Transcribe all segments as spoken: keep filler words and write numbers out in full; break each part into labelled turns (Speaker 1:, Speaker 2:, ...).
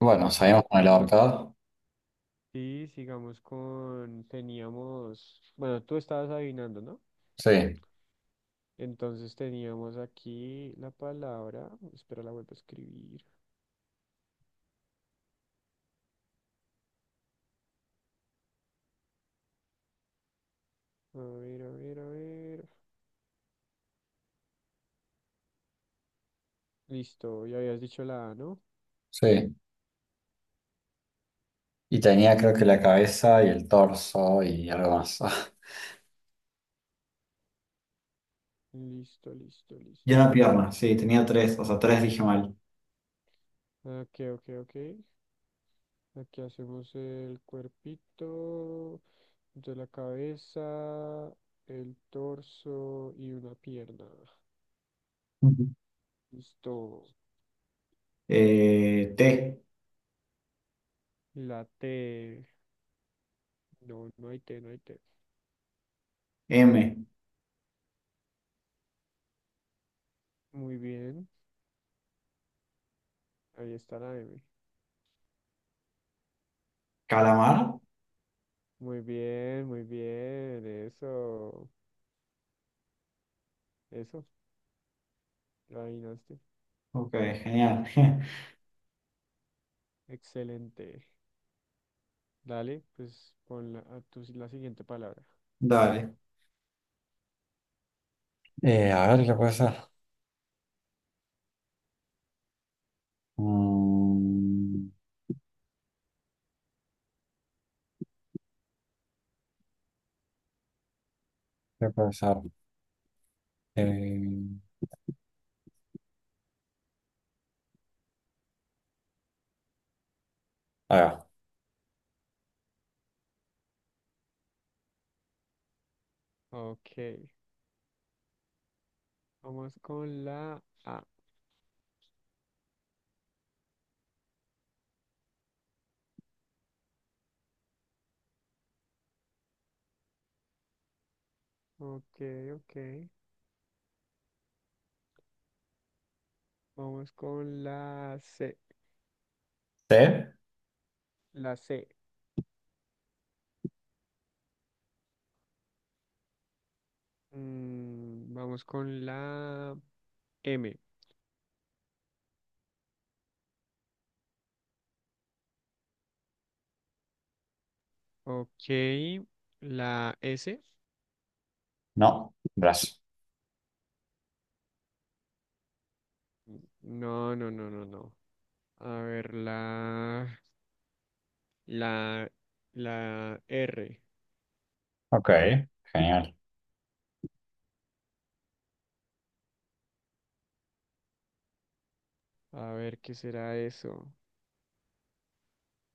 Speaker 1: Bueno,
Speaker 2: Pues
Speaker 1: salimos con el
Speaker 2: bueno,
Speaker 1: ahorcado.
Speaker 2: sí, sigamos con, teníamos, bueno, tú estabas adivinando, ¿no?
Speaker 1: Sí,
Speaker 2: Entonces teníamos aquí la palabra, espera, la vuelvo a escribir. A ver, a ver, a ver. Listo, ya habías dicho la A, ¿no?
Speaker 1: sí. Y tenía creo que la cabeza y el torso y algo más.
Speaker 2: Listo, listo,
Speaker 1: Y
Speaker 2: listo.
Speaker 1: una pierna, sí, tenía tres, o sea, tres dije mal.
Speaker 2: Ok, ok, ok. Aquí hacemos el cuerpito, de la cabeza, el torso y una pierna.
Speaker 1: Ujú.
Speaker 2: Listo.
Speaker 1: Eh, T,
Speaker 2: La T. No, no hay T, no hay T.
Speaker 1: M,
Speaker 2: Muy bien, ahí está la M.
Speaker 1: calamar.
Speaker 2: Muy bien, muy bien, eso, eso, la adivinaste.
Speaker 1: Ok, genial.
Speaker 2: Excelente. Dale, pues pon la, a tu- la siguiente palabra.
Speaker 1: Dale. Eh, a ver, ¿qué puede ser? Mm, ¿qué puede ser? Eh, ahí va.
Speaker 2: Ok, vamos con la A. Ok, ok. Vamos con la C.
Speaker 1: T,
Speaker 2: La C. Mm, vamos con la M. Ok, la S.
Speaker 1: no, brazo.
Speaker 2: No, no, no, no, no. A ver, la... La, la R.
Speaker 1: Ok, genial.
Speaker 2: A ver, ¿qué será eso?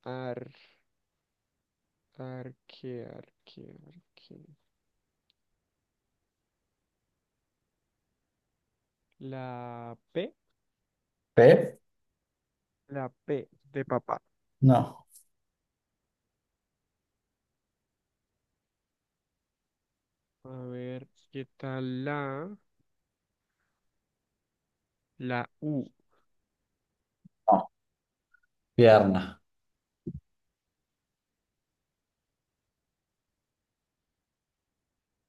Speaker 2: Ar, arque, arque, arque. La P.
Speaker 1: P,
Speaker 2: La P de papá.
Speaker 1: no.
Speaker 2: A ver, ¿qué tal la? La U.
Speaker 1: No, pierna.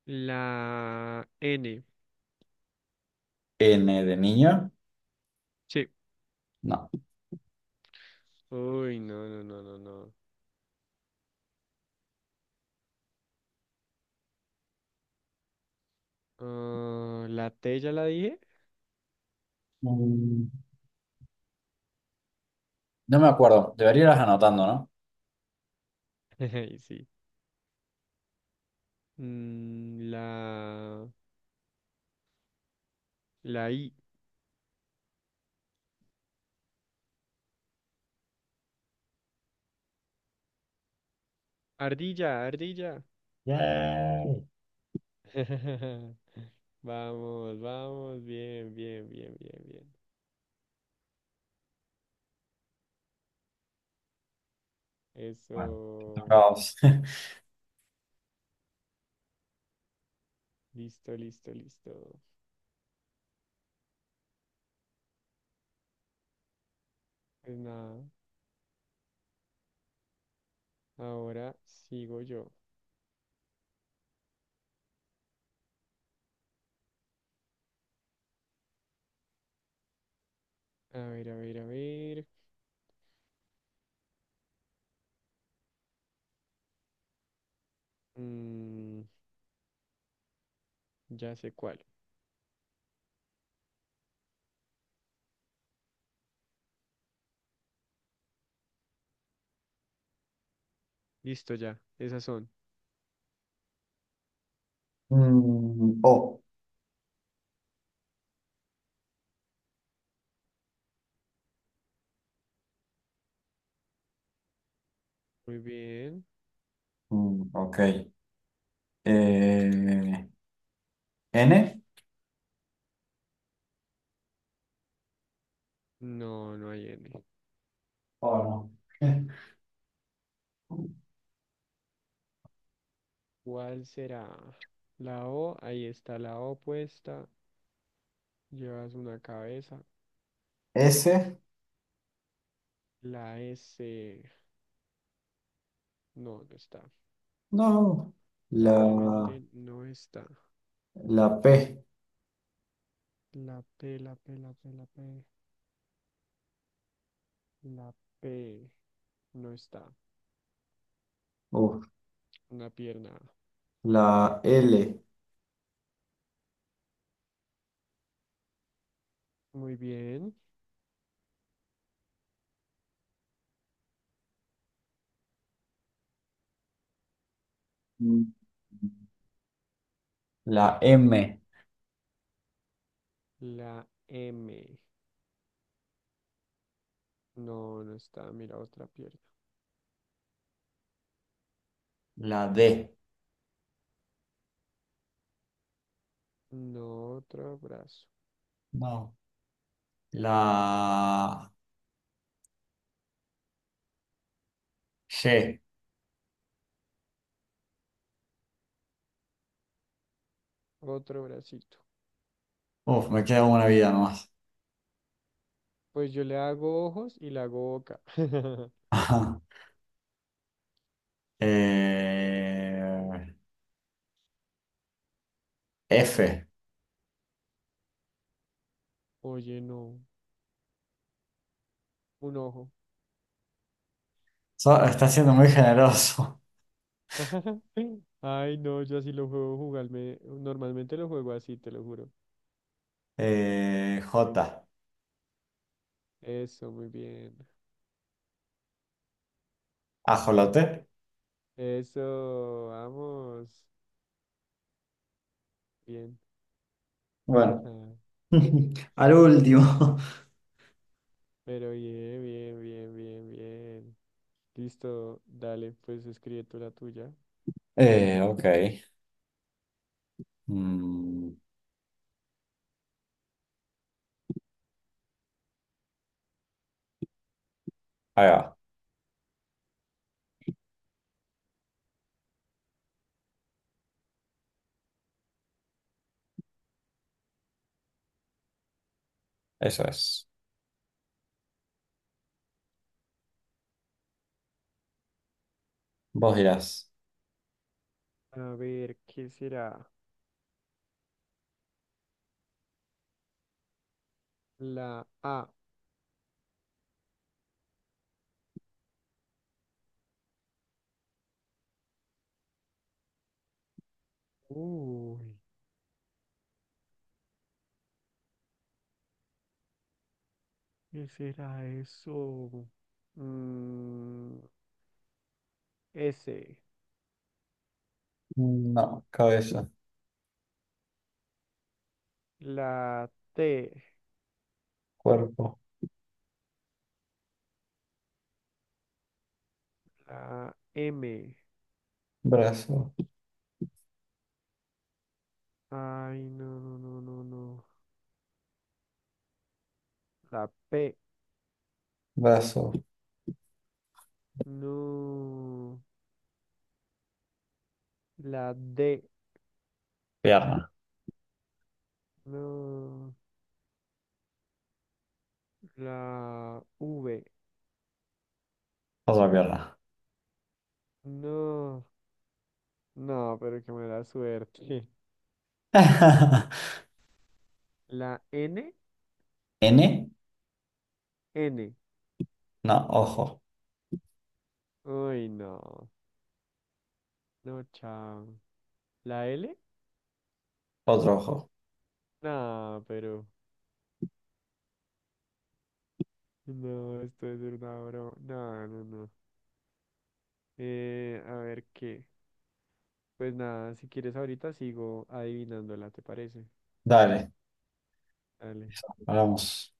Speaker 2: La N.
Speaker 1: N de niño,
Speaker 2: Sí.
Speaker 1: no.
Speaker 2: Uy, no, no, no, no, no. Ah, la T ya la dije.
Speaker 1: Mm, No me acuerdo, debería irlas anotando, ¿no?
Speaker 2: Ay, sí. Mm, la, la I. Ardilla, ardilla.
Speaker 1: Yay.
Speaker 2: Vamos, vamos, bien, bien, bien, bien, bien.
Speaker 1: Bueno, toca
Speaker 2: Eso,
Speaker 1: a vos.
Speaker 2: listo, listo, listo. Pues nada, ahora sigo yo. A ver, a ver, a ver. Mm, ya sé cuál. Listo, ya, esas son.
Speaker 1: Mm, o.
Speaker 2: Muy bien.
Speaker 1: Mm, ok. Eh, N.
Speaker 2: No, no hay N.
Speaker 1: Oh, no.
Speaker 2: ¿Cuál será? La O, ahí está la O puesta. Llevas una cabeza.
Speaker 1: S.
Speaker 2: La S, no, no está.
Speaker 1: No. La,
Speaker 2: Probablemente no está.
Speaker 1: la P.
Speaker 2: La P, la P, la P, la P. La P no está.
Speaker 1: Uf.
Speaker 2: Una pierna.
Speaker 1: La L.
Speaker 2: Muy bien.
Speaker 1: Mm, la M.
Speaker 2: La M. No, no está. Mira, otra pierna.
Speaker 1: La D.
Speaker 2: No, otro brazo.
Speaker 1: No. La G.
Speaker 2: Otro bracito.
Speaker 1: Uf, me queda una vida nomás.
Speaker 2: Pues yo le hago ojos y le hago boca.
Speaker 1: Ajá. Eh, F.
Speaker 2: Oye, no. Un ojo.
Speaker 1: So- está siendo muy generoso.
Speaker 2: Ay, no, yo así lo juego jugarme. Normalmente lo juego así, te lo juro.
Speaker 1: Eh, J.
Speaker 2: Eso, muy bien.
Speaker 1: Ajolote.
Speaker 2: Eso, vamos. Bien.
Speaker 1: Bueno, al último.
Speaker 2: Pero bien, bien, bien, bien, bien. Listo, dale, pues escribe tú la tuya.
Speaker 1: Eh, ok. Mm, ahí va. Eso es. Vos dirás.
Speaker 2: A ver, ¿qué será? La A. Uy, ¿qué será eso? Mm, S.
Speaker 1: No, cabeza,
Speaker 2: La T.
Speaker 1: cuerpo,
Speaker 2: La M.
Speaker 1: brazo,
Speaker 2: Ay, no, no, no, no, no. La P.
Speaker 1: brazo,
Speaker 2: No. La D.
Speaker 1: pierna,
Speaker 2: No. La V.
Speaker 1: otra pierna.
Speaker 2: No. No, pero qué mala suerte. La N.
Speaker 1: ¿N?
Speaker 2: N.
Speaker 1: No, ojo,
Speaker 2: Uy, no. No, chao. ¿La L?
Speaker 1: otro ojo.
Speaker 2: No, pero. No, esto es una broma. No, no, no. Eh, a ver qué. Pues nada, si quieres ahorita sigo adivinándola, ¿te parece?
Speaker 1: Dale,
Speaker 2: Dale.
Speaker 1: eso, hablamos.